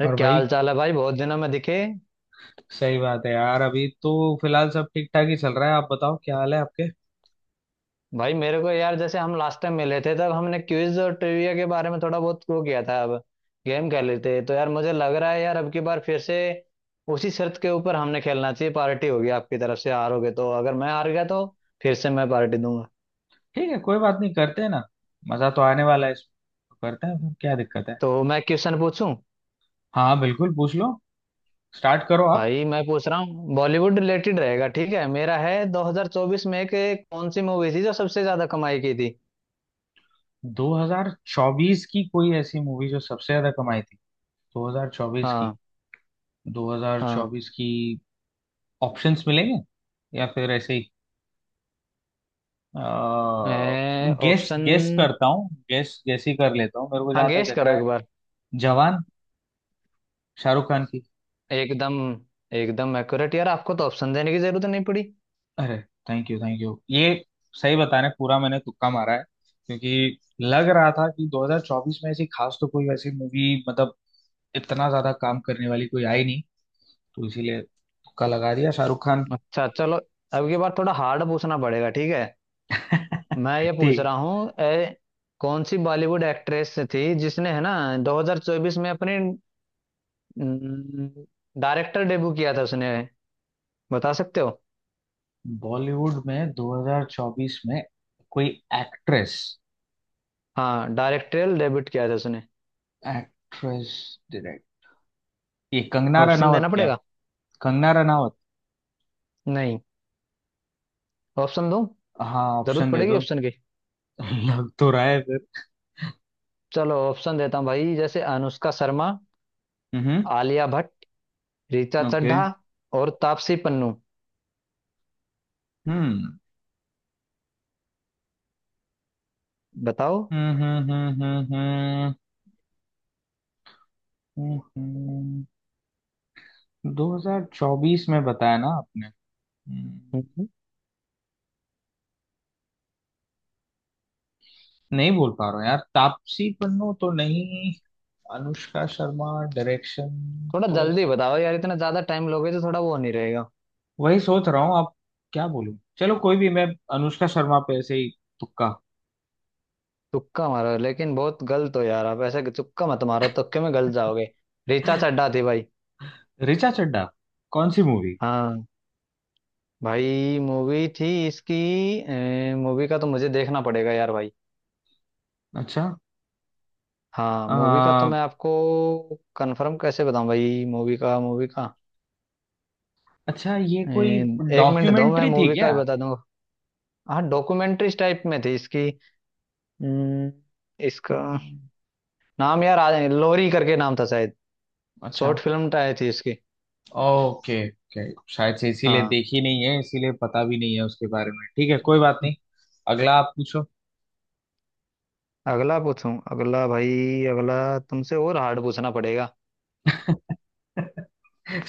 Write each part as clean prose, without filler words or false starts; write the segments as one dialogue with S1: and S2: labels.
S1: अरे
S2: और
S1: क्या
S2: भाई,
S1: हाल चाल है भाई। बहुत दिनों में दिखे।
S2: सही बात है यार। अभी तो फिलहाल सब ठीक ठाक ही चल रहा है। आप बताओ, क्या हाल है आपके।
S1: भाई मेरे को यार, जैसे हम लास्ट टाइम मिले थे तब हमने क्विज और ट्रिविया के बारे में थोड़ा बहुत वो किया था, अब गेम खेल रहे थे। तो यार मुझे लग रहा है यार, अब की बार फिर से उसी शर्त के ऊपर हमने खेलना चाहिए। पार्टी होगी आपकी तरफ से, हारोगे तो। अगर मैं हार गया तो फिर से मैं पार्टी दूंगा।
S2: ठीक है, कोई बात नहीं, करते हैं ना। मजा तो आने वाला है इसमें, करते हैं, फिर क्या दिक्कत है।
S1: तो मैं क्वेश्चन पूछूं?
S2: हाँ बिल्कुल, पूछ लो। स्टार्ट करो आप।
S1: भाई मैं पूछ रहा हूँ, बॉलीवुड रिलेटेड रहेगा, ठीक है? मेरा है, 2024 में एक एक कौन सी मूवी थी जो सबसे ज्यादा कमाई की थी?
S2: 2024 की कोई ऐसी मूवी जो सबसे ज्यादा कमाई थी। 2024 की।
S1: हाँ। हाँ
S2: 2024 की। ऑप्शंस मिलेंगे या फिर ऐसे ही गेस
S1: ऑप्शन।
S2: गेस करता हूँ, गेस गेस ही कर लेता हूँ, मेरे को
S1: हाँ,
S2: जहां तक
S1: गेस
S2: लग
S1: करो
S2: रहा
S1: एक
S2: है।
S1: बार।
S2: जवान, शाहरुख खान की।
S1: एकदम। एकदम एक्यूरेट यार, आपको तो ऑप्शन देने की जरूरत नहीं पड़ी।
S2: अरे, थैंक यू, थैंक यू। ये सही बताने, पूरा मैंने तुक्का मारा है। क्योंकि लग रहा था कि 2024 में ऐसी खास तो कोई वैसी मूवी, मतलब इतना ज्यादा काम करने वाली कोई आई नहीं, तो इसीलिए तुक्का लगा दिया, शाहरुख खान।
S1: अच्छा चलो। अब की बार थोड़ा हार्ड पूछना पड़ेगा, ठीक है? मैं ये पूछ
S2: ठीक।
S1: रहा हूँ ए कौन सी बॉलीवुड एक्ट्रेस थी जिसने है ना 2024 में अपनी डायरेक्टर डेब्यू किया था उसने, बता सकते हो?
S2: बॉलीवुड में 2024 में कोई एक्ट्रेस।
S1: हाँ, डायरेक्टोरियल डेब्यू किया था उसने।
S2: एक्ट्रेस। डायरेक्ट। ये कंगना
S1: ऑप्शन
S2: रनावत
S1: देना
S2: क्या।
S1: पड़ेगा?
S2: कंगना रनावत।
S1: नहीं, ऑप्शन दूं?
S2: हाँ,
S1: जरूरत
S2: ऑप्शन दे
S1: पड़ेगी
S2: दो।
S1: ऑप्शन की।
S2: लग तो रहा है फिर।
S1: चलो, ऑप्शन देता हूँ भाई। जैसे अनुष्का शर्मा,
S2: हम्म।
S1: आलिया भट्ट, ऋचा
S2: ओके।
S1: चड्ढा और तापसी पन्नू।
S2: हम्म
S1: बताओ।
S2: हम्म। हम्म। दो हजार चौबीस में बताया ना आपने। हम्म,
S1: हम्म।
S2: नहीं बोल पा रहा हूँ यार। तापसी पन्नू तो नहीं, अनुष्का शर्मा, डायरेक्शन।
S1: थोड़ा
S2: तो
S1: जल्दी बताओ यार, इतना ज्यादा टाइम लोगे तो थोड़ा वो नहीं रहेगा।
S2: वही सोच रहा हूँ आप। क्या बोलूं, चलो, कोई भी। मैं अनुष्का शर्मा पे ऐसे ही तुक्का।
S1: तुक्का मारो, लेकिन बहुत गलत हो यार आप, ऐसे तुक्का मत मारो, तुक्के में गलत जाओगे। रीता चड्ढा थी भाई।
S2: ऋचा चड्ढा, कौन सी मूवी।
S1: हाँ, भाई मूवी थी इसकी। मूवी का तो मुझे देखना पड़ेगा यार भाई।
S2: अच्छा।
S1: हाँ, मूवी का तो
S2: आ,
S1: मैं आपको कंफर्म कैसे बताऊं भाई? मूवी का, मूवी का
S2: अच्छा ये
S1: अ,
S2: कोई
S1: एक मिनट दो, मैं
S2: डॉक्यूमेंट्री थी
S1: मूवी का
S2: क्या।
S1: ही बता दूंगा। हाँ, डॉक्यूमेंट्री टाइप में थी इसकी। अम्म, इसका
S2: हम्म,
S1: नाम यार लोरी करके नाम था शायद।
S2: अच्छा।
S1: शॉर्ट फिल्म तो आई थी इसकी।
S2: Okay okay. शायद से इसीलिए
S1: हाँ।
S2: देखी नहीं है, इसीलिए पता भी नहीं है उसके बारे में। ठीक है, कोई बात नहीं, अगला आप पूछो।
S1: अगला पूछूं? अगला भाई। अगला तुमसे और हार्ड पूछना पड़ेगा।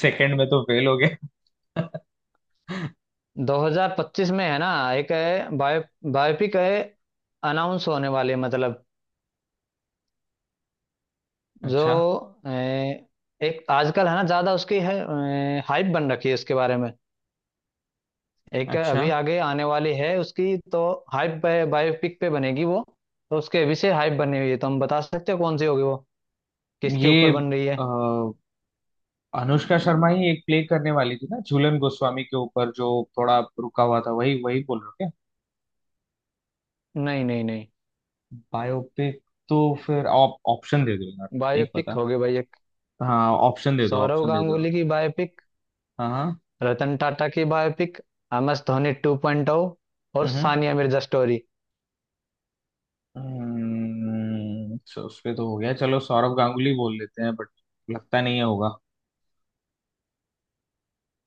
S2: सेकंड में तो फेल हो गए।
S1: 2025 में है ना, एक है बायोपिक है, अनाउंस होने वाले मतलब, जो
S2: अच्छा,
S1: अ, एक आजकल है ना, ज्यादा उसकी है हाइप बन रखी है, इसके बारे में एक है
S2: अच्छा।
S1: अभी आगे आने वाली है उसकी। तो हाइप, बायोपिक पे बनेगी वो, तो उसके अभी से हाइप बनी हुई है। तो हम, बता सकते हो कौन सी होगी वो, किसके
S2: ये
S1: ऊपर बन रही है?
S2: अ, अनुष्का शर्मा ही एक प्ले करने वाली थी ना, झूलन गोस्वामी के ऊपर, जो थोड़ा रुका हुआ था, वही वही बोल रहे हो क्या।
S1: नहीं नहीं नहीं,
S2: बायोपिक तो फिर आप ऑप्शन दे दो यार, नहीं
S1: बायोपिक
S2: पता।
S1: होगी भाई।
S2: हाँ, ऑप्शन दे दो,
S1: सौरव
S2: ऑप्शन दे दो।
S1: गांगुली की बायोपिक,
S2: हाँ हाँ।
S1: रतन टाटा की बायोपिक, एम एस धोनी 2.0 और
S2: हम्म, हम्म।
S1: सानिया मिर्जा स्टोरी।
S2: तो उस पे तो हो गया, चलो सौरव गांगुली बोल लेते हैं, बट लगता नहीं है होगा।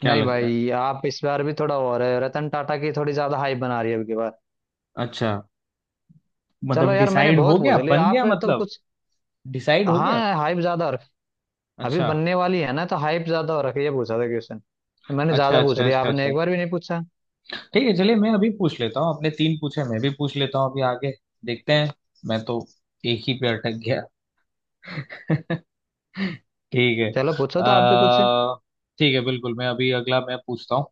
S2: क्या
S1: नहीं
S2: लग रहा है।
S1: भाई, आप इस बार भी थोड़ा और है, रतन टाटा की थोड़ी ज्यादा हाइप बना रही है अब की बार।
S2: अच्छा,
S1: चलो
S2: मतलब
S1: यार, मैंने
S2: डिसाइड
S1: बहुत
S2: हो गया,
S1: पूछ लिया,
S2: बन
S1: आप
S2: गया
S1: फिर तो
S2: मतलब।
S1: कुछ।
S2: डिसाइड हो गया।
S1: हाँ हाइप ज्यादा, और अभी
S2: अच्छा
S1: बनने वाली है ना तो हाइप ज्यादा हो रखी है, ये पूछा था क्वेश्चन। मैंने
S2: अच्छा
S1: ज्यादा पूछ
S2: अच्छा
S1: लिया,
S2: अच्छा।
S1: आपने
S2: अच्छा
S1: एक बार भी नहीं पूछा।
S2: ठीक है, चलिए मैं अभी पूछ लेता हूँ। अपने तीन पूछे, मैं भी पूछ लेता हूँ, अभी आगे देखते हैं। मैं तो एक ही पे अटक गया। ठीक है।
S1: चलो पूछो तो आप भी कुछ।
S2: अह, ठीक है बिल्कुल। मैं अभी अगला मैं पूछता हूँ।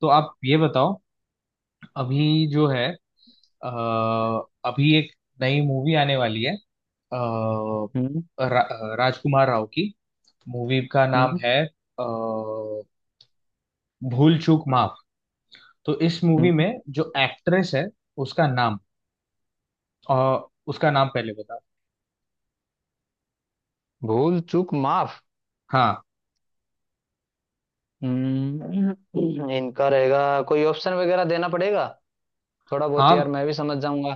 S2: तो आप ये बताओ, अभी जो है, अ, अभी एक नई मूवी आने वाली है, अ,
S1: हम्म
S2: रा, राजकुमार राव की, मूवी का नाम
S1: हम्म
S2: है अ, भूल चूक माफ। तो इस मूवी
S1: हम्म।
S2: में जो एक्ट्रेस है, उसका नाम, और उसका नाम पहले बता।
S1: भूल चूक माफ।
S2: हाँ
S1: इनका रहेगा। कोई ऑप्शन वगैरह देना पड़ेगा, थोड़ा बहुत
S2: हाँ,
S1: यार मैं भी समझ जाऊंगा।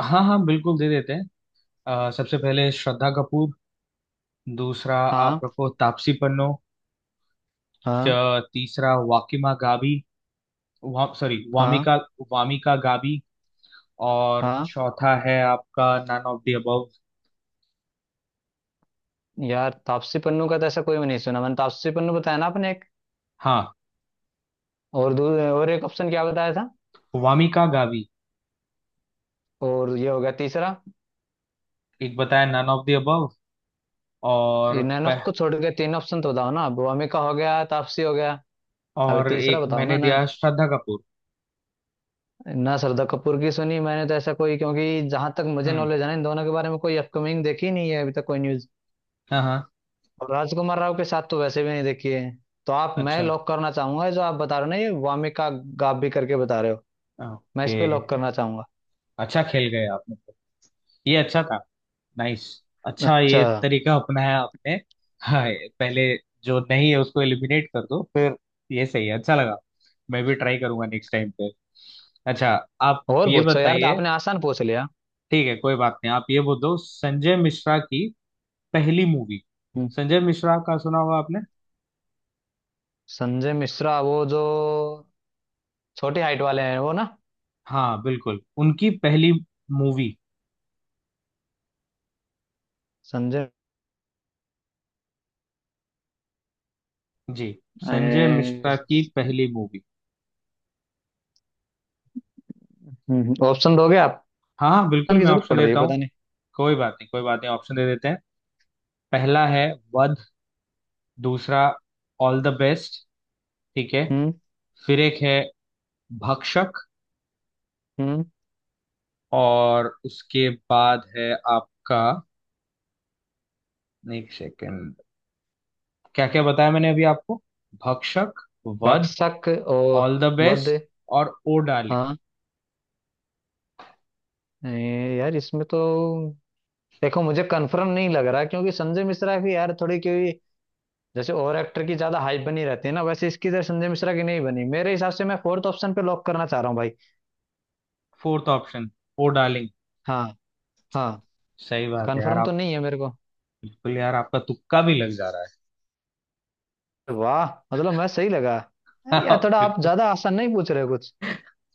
S2: हाँ हाँ बिल्कुल दे देते हैं। सबसे पहले श्रद्धा कपूर। दूसरा, आप
S1: हाँ।
S2: रखो तापसी पन्नू।
S1: हाँ।
S2: तीसरा वाकिमा गाबी। सॉरी
S1: हाँ।
S2: वामिका, वामिका गाबी। और
S1: हाँ,
S2: चौथा है आपका नन ऑफ द अबव।
S1: यार तापसी पन्नू का तो ऐसा कोई भी नहीं सुना मैंने, तापसी पन्नू बताया ना आपने एक।
S2: हाँ,
S1: और दू और एक ऑप्शन क्या बताया था?
S2: वामिका गावी।
S1: और ये हो गया तीसरा।
S2: एक बताया नन ऑफ द अबव, और
S1: ये नैन ऑप्शन को छोड़ के तीन ऑप्शन तो बताओ ना, अब अमिका हो गया, तापसी हो गया, अभी
S2: और
S1: तीसरा
S2: एक
S1: बताओ ना।
S2: मैंने
S1: ना
S2: दिया श्रद्धा कपूर।
S1: ना, श्रद्धा कपूर की सुनी मैंने तो ऐसा कोई, क्योंकि जहां तक मुझे
S2: हम्म।
S1: नॉलेज है ना, इन दोनों के बारे में कोई अपकमिंग देखी नहीं है अभी तक, कोई न्यूज।
S2: हाँ हाँ।
S1: और राजकुमार राव के साथ तो वैसे भी नहीं देखी है। तो आप, मैं
S2: अच्छा,
S1: लॉक करना चाहूंगा जो आप बता रहे हो ना, ये वामिका गाबी करके बता रहे हो, मैं इस
S2: ओके,
S1: पे लॉक करना चाहूंगा।
S2: अच्छा खेल गए आपने तो। ये अच्छा था। नाइस। अच्छा,
S1: अच्छा,
S2: ये तरीका अपनाया आपने। हाँ, ये पहले जो नहीं है उसको एलिमिनेट कर दो, फिर ये सही है, अच्छा लगा। मैं भी ट्राई करूंगा नेक्स्ट टाइम पे। अच्छा, आप
S1: और
S2: ये
S1: पूछो यार, तो
S2: बताइए।
S1: आपने आसान पूछ लिया।
S2: ठीक है, कोई बात नहीं। आप ये बोल दो, संजय मिश्रा की पहली मूवी।
S1: हम्म।
S2: संजय मिश्रा का सुना होगा आपने।
S1: संजय मिश्रा वो जो छोटी हाइट वाले हैं, वो ना?
S2: हाँ बिल्कुल, उनकी पहली मूवी।
S1: संजय।
S2: जी, संजय मिश्रा
S1: ए,
S2: की पहली मूवी।
S1: ऑप्शन दोगे आप?
S2: हाँ हाँ
S1: ऑप्शन
S2: बिल्कुल,
S1: की
S2: मैं
S1: जरूरत
S2: ऑप्शन
S1: पड़ रही है,
S2: देता हूँ।
S1: पता नहीं।
S2: कोई बात नहीं, कोई बात नहीं, ऑप्शन दे देते हैं। पहला है वध। दूसरा ऑल द बेस्ट। ठीक है,
S1: हम्म।
S2: फिर एक है भक्षक।
S1: हम्म,
S2: और उसके बाद है आपका, एक सेकेंड, क्या क्या बताया मैंने अभी आपको। भक्षक, वध,
S1: भक्षक और
S2: ऑल द
S1: वध।
S2: बेस्ट और ओ डार्लिंग।
S1: हाँ। यार इसमें तो देखो मुझे कंफर्म नहीं लग रहा, क्योंकि संजय मिश्रा की यार थोड़ी, क्योंकि जैसे और एक्टर की ज्यादा हाइप बनी रहती है ना, वैसे इसकी तरह संजय मिश्रा की नहीं बनी मेरे हिसाब से। मैं फोर्थ ऑप्शन पे लॉक करना चाह रहा हूँ भाई।
S2: Fourth option, oh darling.
S1: हाँ। हाँ,
S2: सही बात है यार,
S1: कंफर्म तो
S2: आप
S1: नहीं है मेरे को।
S2: बिल्कुल, यार आपका तुक्का भी लग जा रहा
S1: वाह, मतलब मैं सही लगा।
S2: है।
S1: अरे यार,
S2: आप
S1: थोड़ा आप
S2: बिल्कुल।
S1: ज्यादा आसान नहीं पूछ रहे हो कुछ?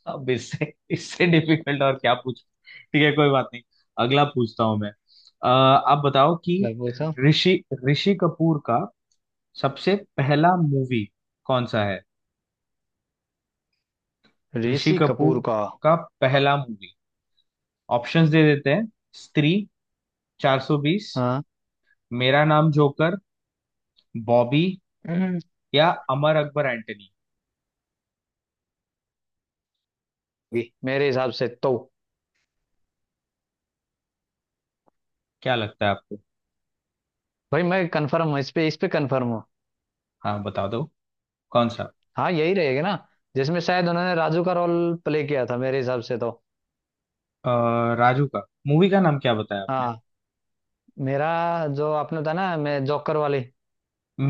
S2: अब इससे इससे डिफिकल्ट और क्या पूछ। ठीक है, कोई बात नहीं, अगला पूछता हूं मैं। आप बताओ कि
S1: लग पूछा।
S2: ऋषि ऋषि कपूर का सबसे पहला मूवी कौन सा है। ऋषि
S1: ऋषि कपूर
S2: कपूर
S1: का।
S2: का पहला मूवी। ऑप्शंस दे देते हैं, स्त्री 420,
S1: हाँ।
S2: मेरा नाम जोकर, बॉबी,
S1: हम्म,
S2: या अमर अकबर एंटनी।
S1: भी, मेरे हिसाब से तो,
S2: क्या लगता है आपको।
S1: भाई मैं कंफर्म हूँ, इस पे, इस पे कंफर्म हूँ।
S2: हाँ, बता दो कौन सा।
S1: हाँ, यही रहेगा ना, जिसमें शायद उन्होंने राजू का रोल प्ले किया था मेरे हिसाब से तो।
S2: राजू का, मूवी का नाम क्या बताया आपने।
S1: हाँ, मेरा, जो आपने था ना, मैं जोकर वाली।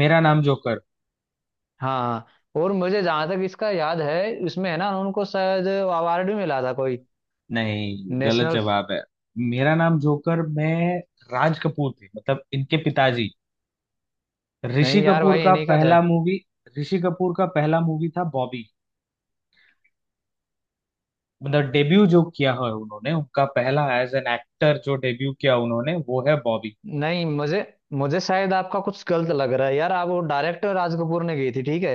S2: मेरा नाम जोकर।
S1: हाँ, और मुझे जहां तक इसका याद है, इसमें है ना, उनको शायद अवार्ड भी मिला था कोई,
S2: नहीं, गलत
S1: नेशनल।
S2: जवाब है। मेरा नाम जोकर में राज कपूर थे, मतलब इनके पिताजी। ऋषि
S1: नहीं यार
S2: कपूर
S1: भाई,
S2: का
S1: इन्हीं का था।
S2: पहला मूवी, ऋषि कपूर का पहला मूवी था बॉबी। मतलब डेब्यू जो किया है उन्होंने, उनका पहला एज एन एक्टर जो डेब्यू किया उन्होंने वो है बॉबी।
S1: नहीं, मुझे मुझे शायद आपका कुछ गलत लग रहा है यार। आप, वो डायरेक्टर राज कपूर ने गई थी ठीक है,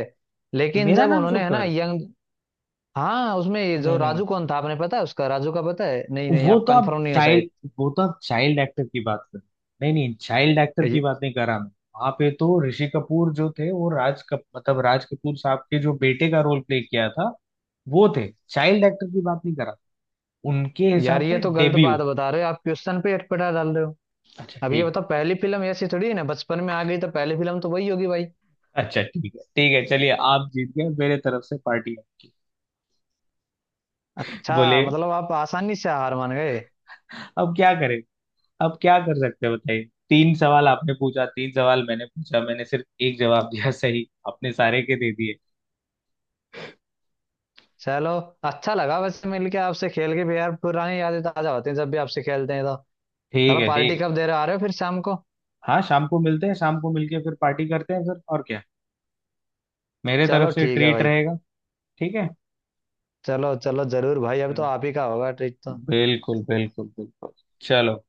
S1: लेकिन
S2: मेरा
S1: जब
S2: नाम
S1: उन्होंने है ना
S2: जोकर,
S1: यंग। हाँ, उसमें ये जो
S2: नहीं नहीं,
S1: राजू कौन था आपने पता है उसका? राजू का पता है? नहीं नहीं,
S2: वो
S1: आप
S2: तो आप
S1: कंफर्म नहीं हो शायद।
S2: चाइल्ड, वो तो आप चाइल्ड एक्टर की बात कर रहे हो। नहीं नहीं, चाइल्ड एक्टर की
S1: ये-
S2: बात नहीं कर रहा मैं। वहां पे तो ऋषि कपूर जो थे वो राज कप, मतलब राज कपूर साहब के जो बेटे का रोल प्ले किया था, वो थे। चाइल्ड एक्टर की बात नहीं कर रहा, उनके
S1: यार
S2: हिसाब
S1: ये
S2: से
S1: तो गलत
S2: डेब्यू।
S1: बात बता रहे हो आप, क्वेश्चन पे अटपटा डाल रहे हो।
S2: अच्छा
S1: अब ये
S2: ठीक,
S1: बताओ, पहली फिल्म ऐसी थोड़ी है ना बचपन में आ गई तो पहली फिल्म तो वही होगी भाई।
S2: अच्छा ठीक है, ठीक है, चलिए आप जीत गए, मेरे तरफ से पार्टी आपकी।
S1: अच्छा,
S2: बोले,
S1: मतलब आप आसानी से हार मान गए?
S2: अब क्या करें, अब क्या कर सकते हैं बताइए। तीन सवाल आपने पूछा, तीन सवाल मैंने पूछा, मैंने सिर्फ एक जवाब दिया सही, आपने सारे के दे दिए।
S1: चलो, अच्छा लगा वैसे मिलके आपसे, खेल के भी यार पुरानी यादें ताजा होती हैं जब भी आपसे खेलते हैं तो।
S2: ठीक
S1: चलो,
S2: है, ठीक
S1: पार्टी
S2: है।
S1: कब दे रहे, आ रहे हो फिर शाम को?
S2: हाँ, शाम को मिलते हैं, शाम को मिलके फिर पार्टी करते हैं फिर, और क्या, मेरे तरफ
S1: चलो
S2: से
S1: ठीक है
S2: ट्रीट
S1: भाई।
S2: रहेगा। ठीक है।
S1: चलो चलो जरूर भाई, अब तो
S2: चलो,
S1: आप ही का होगा ट्रीट तो।
S2: बिल्कुल बिल्कुल बिल्कुल, चलो।